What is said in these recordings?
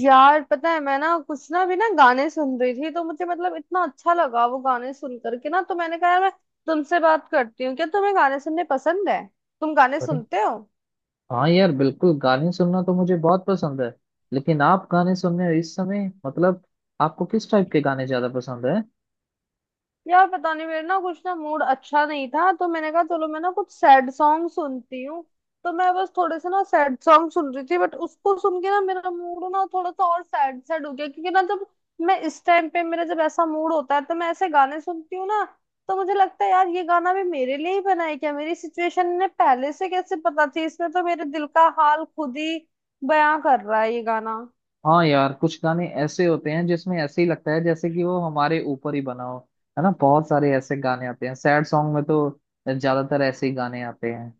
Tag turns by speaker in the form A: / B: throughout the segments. A: यार, पता है मैं ना कुछ ना भी ना गाने सुन रही थी, तो मुझे मतलब इतना अच्छा लगा वो गाने सुन करके ना, तो मैंने कहा यार मैं तुमसे बात करती हूँ। क्या तुम्हें गाने सुनने पसंद है? तुम गाने
B: अरे
A: सुनते हो?
B: हाँ यार, बिल्कुल गाने सुनना तो मुझे बहुत पसंद है। लेकिन आप गाने सुन रहे हो इस समय, मतलब आपको किस टाइप के गाने ज्यादा पसंद है?
A: यार, पता नहीं, मेरा ना कुछ ना मूड अच्छा नहीं था, तो मैंने कहा चलो मैं ना कुछ सैड सॉन्ग सुनती हूँ। तो मैं बस थोड़े से ना सैड सॉन्ग सुन रही थी, बट उसको सुन के ना मेरा मूड ना थोड़ा सा और सैड सैड हो गया, क्योंकि ना जब मैं इस टाइम पे मेरा जब ऐसा मूड होता है तो मैं ऐसे गाने सुनती हूँ ना। तो मुझे लगता है यार, ये गाना भी मेरे लिए ही बना है क्या? मेरी सिचुएशन ने पहले से कैसे पता थी? इसमें तो मेरे दिल का हाल खुद ही बयां कर रहा है ये गाना।
B: हाँ यार, कुछ गाने ऐसे होते हैं जिसमें ऐसे ही लगता है जैसे कि वो हमारे ऊपर ही बना हो। है ना, बहुत सारे ऐसे गाने आते हैं सैड सॉन्ग में तो ज्यादातर ऐसे ही गाने आते हैं।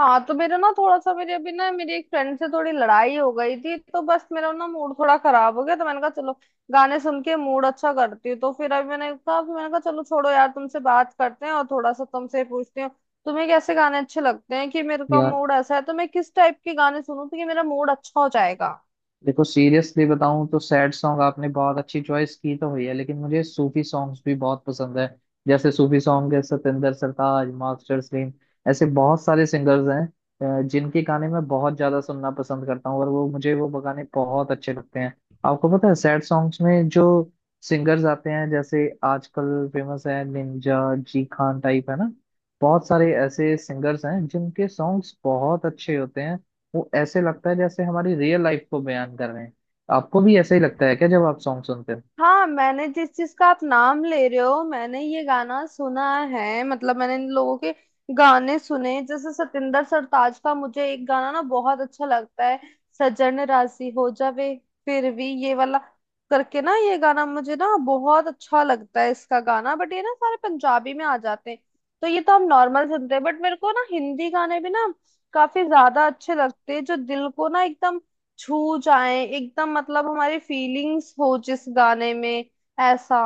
A: हाँ, तो मेरा ना थोड़ा सा, मेरी अभी ना मेरी एक फ्रेंड से थोड़ी लड़ाई हो गई थी, तो बस मेरा ना मूड थोड़ा खराब हो गया, तो मैंने कहा चलो गाने सुन के मूड अच्छा करती हूँ। तो फिर अभी मैंने कहा चलो छोड़ो यार, तुमसे बात करते हैं और थोड़ा सा तुमसे पूछती हूँ। तुम्हें कैसे गाने अच्छे लगते हैं? कि मेरे का
B: यार
A: मूड ऐसा है तो मैं किस टाइप के गाने सुनूं तो कि मेरा मूड अच्छा हो जाएगा?
B: देखो, सीरियसली बताऊं तो सैड सॉन्ग आपने बहुत अच्छी चॉइस की तो हुई है, लेकिन मुझे सूफी सॉन्ग्स भी बहुत पसंद है। जैसे सूफी सॉन्ग है सतेंद्र सरताज, मास्टर सलीम, ऐसे बहुत सारे सिंगर्स हैं जिनके गाने मैं बहुत ज्यादा सुनना पसंद करता हूँ और वो मुझे वो गाने बहुत अच्छे लगते हैं। आपको पता है सैड सॉन्ग्स में जो सिंगर्स आते हैं, जैसे आजकल फेमस है निंजा, जी खान टाइप, है ना। बहुत सारे ऐसे सिंगर्स हैं जिनके सॉन्ग्स बहुत अच्छे होते हैं। वो ऐसे लगता है जैसे हमारी रियल लाइफ को बयान कर रहे हैं। आपको भी ऐसा ही लगता है क्या जब आप सॉन्ग सुनते हो?
A: हाँ, मैंने जिस चीज का आप नाम ले रहे हो मैंने ये गाना सुना है, मतलब मैंने इन लोगों के गाने सुने। जैसे सतिंदर सरताज का मुझे एक गाना ना बहुत अच्छा लगता है। सजन राशि हो जावे फिर भी ये वाला करके ना, ये गाना मुझे ना बहुत अच्छा लगता है, इसका गाना। बट ये ना सारे पंजाबी में आ जाते हैं। तो ये तो हम नॉर्मल सुनते हैं, बट मेरे को ना हिंदी गाने भी ना काफी ज्यादा अच्छे लगते हैं, जो दिल को ना एकदम छू जाए, एकदम मतलब हमारी फीलिंग्स हो जिस गाने में, ऐसा।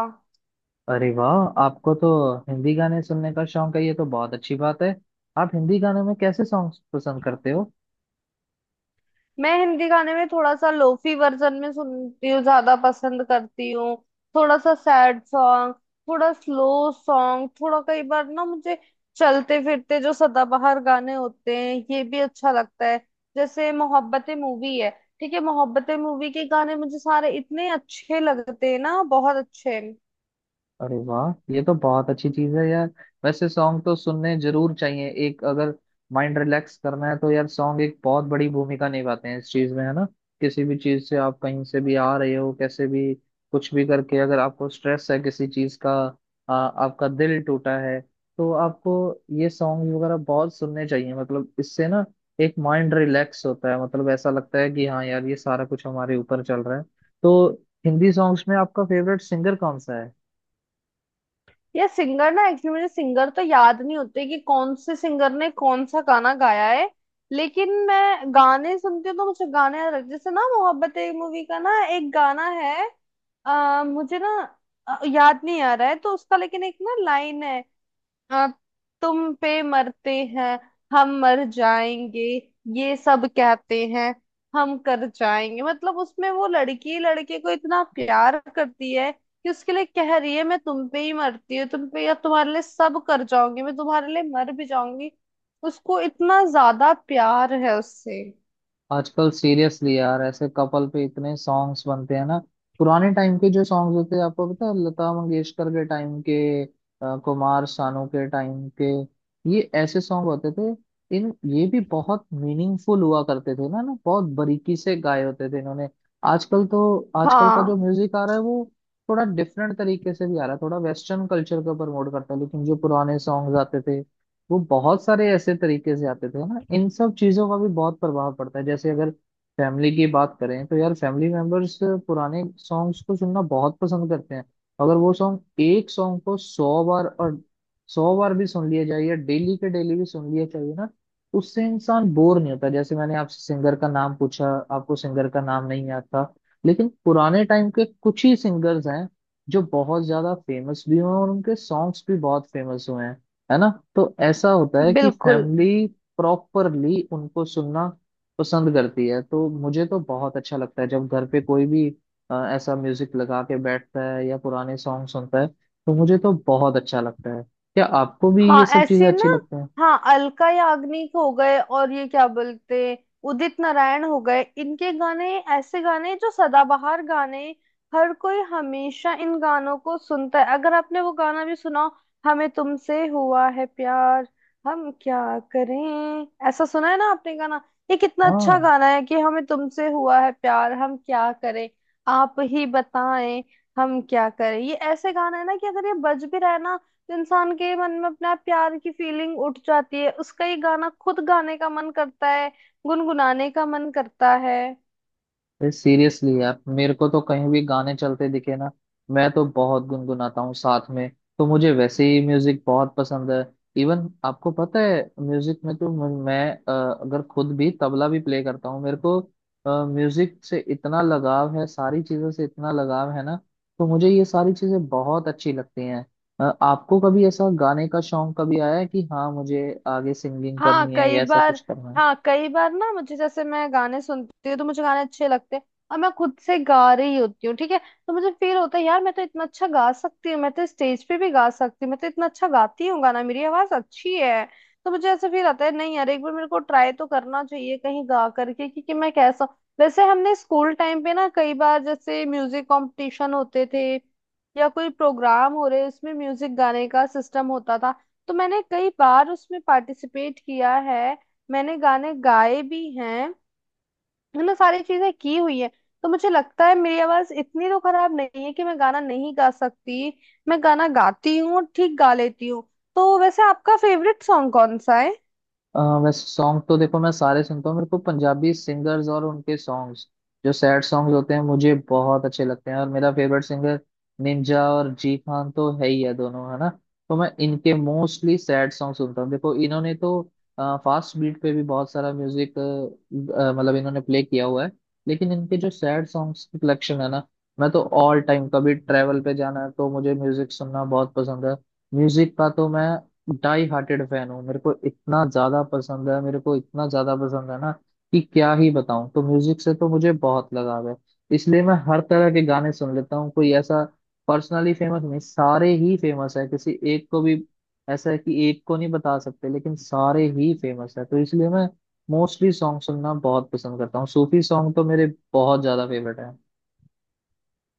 B: अरे वाह, आपको तो हिंदी गाने सुनने का शौक है, ये तो बहुत अच्छी बात है। आप हिंदी गानों में कैसे सॉन्ग पसंद करते हो?
A: मैं हिंदी गाने में थोड़ा सा लोफी वर्जन में सुनती हूँ, ज्यादा पसंद करती हूँ। थोड़ा सा सैड सॉन्ग, थोड़ा स्लो सॉन्ग, थोड़ा, कई बार ना मुझे चलते फिरते जो सदाबहार गाने होते हैं ये भी अच्छा लगता है। जैसे मोहब्बतें मूवी है, ठीक है, मोहब्बतें मूवी के गाने मुझे सारे इतने अच्छे लगते हैं ना, बहुत अच्छे।
B: अरे वाह, ये तो बहुत अच्छी चीज है यार। वैसे सॉन्ग तो सुनने जरूर चाहिए, एक अगर माइंड रिलैक्स करना है तो यार सॉन्ग एक बहुत बड़ी भूमिका निभाते हैं इस चीज में, है ना। किसी भी चीज से आप कहीं से भी आ रहे हो, कैसे भी, कुछ भी करके अगर आपको स्ट्रेस है किसी चीज का, आपका दिल टूटा है, तो आपको ये सॉन्ग वगैरह बहुत सुनने चाहिए। मतलब इससे ना एक माइंड रिलैक्स होता है, मतलब ऐसा लगता है कि हाँ यार ये सारा कुछ हमारे ऊपर चल रहा है। तो हिंदी सॉन्ग्स में आपका फेवरेट सिंगर कौन सा है?
A: ये सिंगर ना, एक्चुअली मुझे सिंगर तो याद नहीं होते कि कौन से सिंगर ने कौन सा गाना गाया है, लेकिन मैं गाने सुनती हूँ तो मुझे गाने याद रहते हैं। जैसे ना मोहब्बत एक मूवी का ना एक गाना है, मुझे ना याद नहीं आ रहा है तो उसका, लेकिन एक ना लाइन है। हाँ, तुम पे मरते हैं हम, मर जाएंगे ये सब कहते हैं, हम कर जाएंगे। मतलब उसमें वो लड़की लड़के को इतना प्यार करती है कि उसके लिए कह रही है मैं तुम पे ही मरती हूँ, तुम पे या तुम्हारे लिए सब कर जाऊंगी, मैं तुम्हारे लिए मर भी जाऊंगी। उसको इतना ज्यादा प्यार है उससे।
B: आजकल सीरियसली यार ऐसे कपल पे इतने सॉन्ग्स बनते हैं ना। पुराने टाइम के जो सॉन्ग्स होते हैं, आपको पता है लता मंगेशकर के टाइम के, कुमार सानू के टाइम के, ये ऐसे सॉन्ग होते थे। इन ये भी बहुत मीनिंगफुल हुआ करते थे ना ना, बहुत बारीकी से गाए होते थे इन्होंने। आजकल तो आजकल का जो
A: हाँ
B: म्यूजिक आ रहा है वो थोड़ा डिफरेंट तरीके से भी आ रहा है, थोड़ा वेस्टर्न कल्चर को प्रमोट करता है। लेकिन जो पुराने सॉन्ग्स आते थे वो बहुत सारे ऐसे तरीके से आते थे ना, इन सब चीजों का भी बहुत प्रभाव पड़ता है। जैसे अगर फैमिली की बात करें तो यार फैमिली मेंबर्स पुराने सॉन्ग्स को सुनना बहुत पसंद करते हैं। अगर वो सॉन्ग, एक सॉन्ग को सौ बार और सौ बार भी सुन लिया जाए या डेली के डेली भी सुन लिया, चाहिए ना, उससे इंसान बोर नहीं होता। जैसे मैंने आपसे सिंगर का नाम पूछा, आपको सिंगर का नाम नहीं आता। लेकिन पुराने टाइम के कुछ ही सिंगर्स हैं जो बहुत ज्यादा फेमस भी हुए हैं और उनके सॉन्ग्स भी बहुत फेमस हुए हैं, है ना। तो ऐसा होता है कि
A: बिल्कुल।
B: फैमिली प्रॉपरली उनको सुनना पसंद करती है, तो मुझे तो बहुत अच्छा लगता है जब घर पे कोई भी ऐसा म्यूजिक लगा के बैठता है या पुराने सॉन्ग सुनता है तो मुझे तो बहुत अच्छा लगता है। क्या आपको भी
A: हाँ
B: ये सब चीजें
A: ऐसी ना।
B: अच्छी लगती हैं?
A: हाँ, अलका याग्निक हो गए, और ये क्या बोलते, उदित नारायण हो गए, इनके गाने। ऐसे गाने जो सदाबहार गाने, हर कोई हमेशा इन गानों को सुनता है। अगर आपने वो गाना भी सुना हो, हमें तुमसे हुआ है प्यार, हम क्या करें। ऐसा सुना है ना आपने गाना? ये कितना अच्छा
B: हाँ,
A: गाना है कि हमें तुमसे हुआ है प्यार, हम क्या करें, आप ही बताएं, हम क्या करें। ये ऐसे गाना है ना कि अगर ये बज भी रहा है ना, इंसान के मन में अपना प्यार की फीलिंग उठ जाती है, उसका ये गाना खुद गाने का मन करता है, गुनगुनाने का मन करता है।
B: सीरियसली यार मेरे को तो कहीं भी गाने चलते दिखे ना, मैं तो बहुत गुनगुनाता हूँ साथ में। तो मुझे वैसे ही म्यूजिक बहुत पसंद है। इवन आपको पता है म्यूजिक में तो मैं अगर खुद भी तबला भी प्ले करता हूँ। मेरे को म्यूजिक से इतना लगाव है, सारी चीजों से इतना लगाव है ना, तो मुझे ये सारी चीजें बहुत अच्छी लगती हैं। आपको कभी ऐसा गाने का शौक कभी आया है कि हाँ मुझे आगे सिंगिंग
A: हाँ
B: करनी है
A: कई
B: या ऐसा
A: बार।
B: कुछ करना है?
A: हाँ कई बार ना मुझे, जैसे मैं गाने सुनती हूँ तो मुझे गाने अच्छे लगते हैं, और मैं खुद से गा रही होती हूँ ठीक है, तो मुझे फील होता है यार मैं तो इतना अच्छा गा सकती हूँ, मैं तो स्टेज पे भी गा सकती हूँ, मैं तो इतना अच्छा गाती हूँ गाना, मेरी आवाज अच्छी है। तो मुझे ऐसा फील आता है, नहीं यार एक बार मेरे को ट्राई तो करना चाहिए कहीं गा करके कि मैं कैसा हूँ। वैसे हमने स्कूल टाइम पे ना कई बार जैसे म्यूजिक कंपटीशन होते थे, या कोई प्रोग्राम हो रहे उसमें म्यूजिक गाने का सिस्टम होता था, तो मैंने कई बार उसमें पार्टिसिपेट किया है, मैंने गाने गाए भी हैं, मैंने सारी चीजें की हुई है। तो मुझे लगता है मेरी आवाज इतनी तो खराब नहीं है कि मैं गाना नहीं गा सकती। मैं गाना गाती हूँ, ठीक गा लेती हूँ। तो वैसे आपका फेवरेट सॉन्ग कौन सा है?
B: वैसे सॉन्ग तो देखो मैं सारे सुनता हूँ, मेरे को पंजाबी सिंगर्स और उनके सॉन्ग्स जो सैड सॉन्ग्स होते हैं मुझे बहुत अच्छे लगते हैं। और मेरा फेवरेट सिंगर निंजा और जी खान तो है ही है दोनों, है ना। तो मैं इनके मोस्टली सैड सॉन्ग सुनता हूँ। देखो इन्होंने तो फास्ट बीट पे भी बहुत सारा म्यूजिक, मतलब इन्होंने प्ले किया हुआ है, लेकिन इनके जो सैड सॉन्ग्स की कलेक्शन है ना, मैं तो ऑल टाइम, कभी ट्रैवल पे जाना है तो मुझे म्यूजिक सुनना बहुत पसंद है। म्यूजिक का तो मैं डाई हार्टेड फैन हूँ। मेरे को इतना ज्यादा पसंद है, मेरे को इतना ज्यादा पसंद है ना कि क्या ही बताऊं। तो म्यूजिक से तो मुझे बहुत लगाव है, इसलिए मैं हर तरह के गाने सुन लेता हूँ। कोई ऐसा पर्सनली फेमस नहीं, सारे ही फेमस है, किसी एक को भी ऐसा है कि एक को नहीं बता सकते, लेकिन सारे ही फेमस है। तो इसलिए मैं मोस्टली सॉन्ग सुनना बहुत पसंद करता हूँ। सूफी सॉन्ग तो मेरे बहुत ज्यादा फेवरेट है।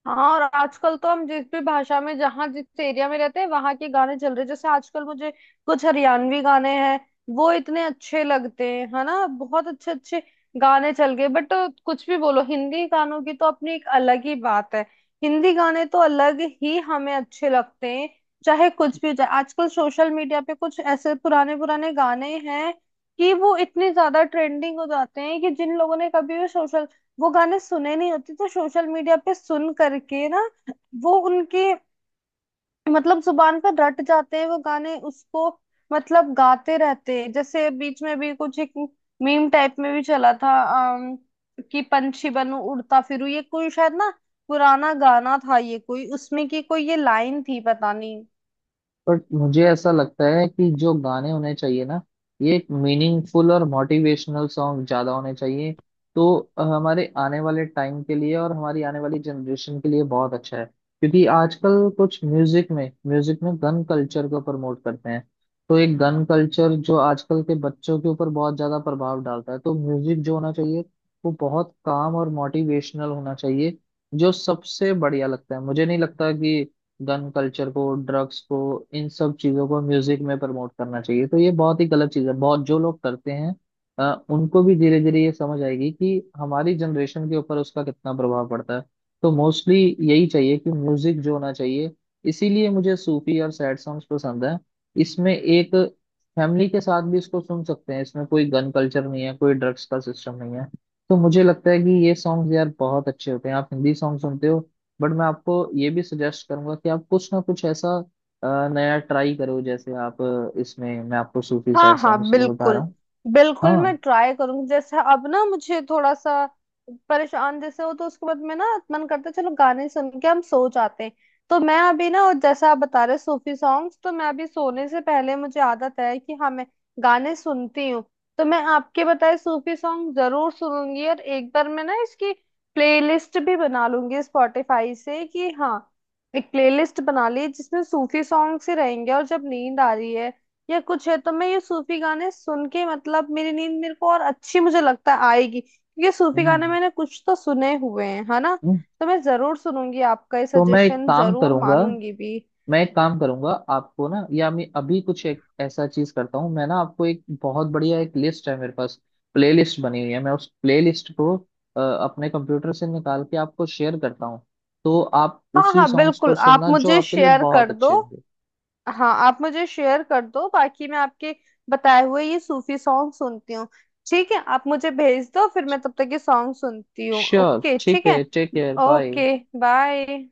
A: हाँ, और आजकल तो हम जिस भी भाषा में जहाँ जिस एरिया में रहते हैं वहां के गाने चल रहे हैं। जैसे आजकल मुझे कुछ हरियाणवी गाने हैं, वो इतने अच्छे लगते हैं है ना, बहुत अच्छे अच्छे गाने चल गए। बट कुछ भी बोलो, हिंदी गानों की तो अपनी एक अलग ही बात है। हिंदी गाने तो अलग ही हमें अच्छे लगते हैं, चाहे कुछ भी हो जाए। आजकल सोशल मीडिया पे कुछ ऐसे पुराने पुराने गाने हैं कि वो इतने ज्यादा ट्रेंडिंग हो जाते हैं कि जिन लोगों ने कभी भी सोशल, वो गाने सुने नहीं होते, तो सोशल मीडिया पे सुन करके ना वो उनके, मतलब, जुबान पर रट जाते हैं वो गाने, उसको मतलब गाते रहते हैं। जैसे बीच में भी कुछ एक मीम टाइप में भी चला था, अम, कि पंछी बनूं उड़ता फिरूं, ये कोई शायद ना पुराना गाना था, ये कोई उसमें की कोई ये लाइन थी, पता नहीं।
B: बट मुझे ऐसा लगता है कि जो गाने होने चाहिए ना, ये एक मीनिंगफुल और मोटिवेशनल सॉन्ग ज्यादा होने चाहिए। तो हमारे आने वाले टाइम के लिए और हमारी आने वाली जनरेशन के लिए बहुत अच्छा है, क्योंकि आजकल कुछ म्यूजिक में, म्यूजिक में गन कल्चर को प्रमोट करते हैं। तो एक गन कल्चर जो आजकल के बच्चों के ऊपर बहुत ज्यादा प्रभाव डालता है, तो म्यूजिक जो होना चाहिए वो बहुत काम और मोटिवेशनल होना चाहिए, जो सबसे बढ़िया लगता है। मुझे नहीं लगता कि गन कल्चर को, ड्रग्स को, इन सब चीजों को म्यूजिक में प्रमोट करना चाहिए। तो ये बहुत ही गलत चीज है, बहुत जो लोग करते हैं उनको भी धीरे धीरे ये समझ आएगी कि हमारी जनरेशन के ऊपर उसका कितना प्रभाव पड़ता है। तो मोस्टली यही चाहिए कि म्यूजिक जो होना चाहिए, इसीलिए मुझे सूफी और सैड सॉन्ग्स पसंद है। इसमें एक फैमिली के साथ भी इसको सुन सकते हैं, इसमें कोई गन कल्चर नहीं है, कोई ड्रग्स का सिस्टम नहीं है। तो मुझे लगता है कि ये सॉन्ग्स यार बहुत अच्छे होते हैं। आप हिंदी सॉन्ग सुनते हो, बट मैं आपको ये भी सजेस्ट करूंगा कि आप कुछ ना कुछ ऐसा नया ट्राई करो। जैसे आप, इसमें मैं आपको सूफी
A: हाँ
B: सैड
A: हाँ
B: सॉन्ग्स बता रहा
A: बिल्कुल।
B: हूँ।
A: बिल्कुल मैं
B: हाँ।
A: ट्राई करूंगी। जैसे अब ना मुझे थोड़ा सा परेशान जैसे हो, तो उसके बाद में ना मन करता है चलो गाने सुन के हम सो जाते हैं। तो मैं अभी ना, और जैसा आप बता रहे सूफी सॉन्ग्स, तो मैं अभी सोने से पहले मुझे आदत है कि हाँ मैं गाने सुनती हूँ। तो मैं आपके बताए सूफी सॉन्ग जरूर सुनूंगी, और एक बार मैं ना इसकी प्लेलिस्ट भी बना लूंगी स्पॉटिफाई से कि हाँ, एक प्लेलिस्ट बना ली जिसमें सूफी सॉन्ग से रहेंगे, और जब नींद आ रही है या कुछ है तो मैं ये सूफी गाने सुन के, मतलब, मेरी नींद मेरे को और अच्छी मुझे लगता है आएगी, क्योंकि सूफी गाने
B: हम्म,
A: मैंने कुछ तो सुने हुए हैं है ना।
B: हम्म।
A: तो मैं जरूर सुनूंगी, आपका ये
B: तो मैं एक
A: सजेशन
B: काम
A: जरूर
B: करूंगा,
A: मानूंगी भी।
B: मैं एक काम करूंगा आपको ना, या मैं अभी कुछ एक ऐसा चीज करता हूँ। मैं ना आपको एक बहुत बढ़िया एक लिस्ट है मेरे पास, प्लेलिस्ट बनी हुई है। मैं उस प्लेलिस्ट को अपने कंप्यूटर से निकाल के आपको शेयर करता हूँ। तो आप
A: हाँ
B: उसी
A: हाँ
B: सॉन्ग्स को
A: बिल्कुल, आप
B: सुनना जो
A: मुझे
B: आपके लिए
A: शेयर
B: बहुत
A: कर दो।
B: अच्छे होंगे।
A: हाँ आप मुझे शेयर कर दो, बाकी मैं आपके बताए हुए ये सूफी सॉन्ग सुनती हूँ। ठीक है, आप मुझे भेज दो फिर, मैं तब तक ये सॉन्ग सुनती हूँ।
B: श्योर,
A: ओके
B: ठीक
A: ठीक है।
B: है, take care, bye.
A: Okay bye.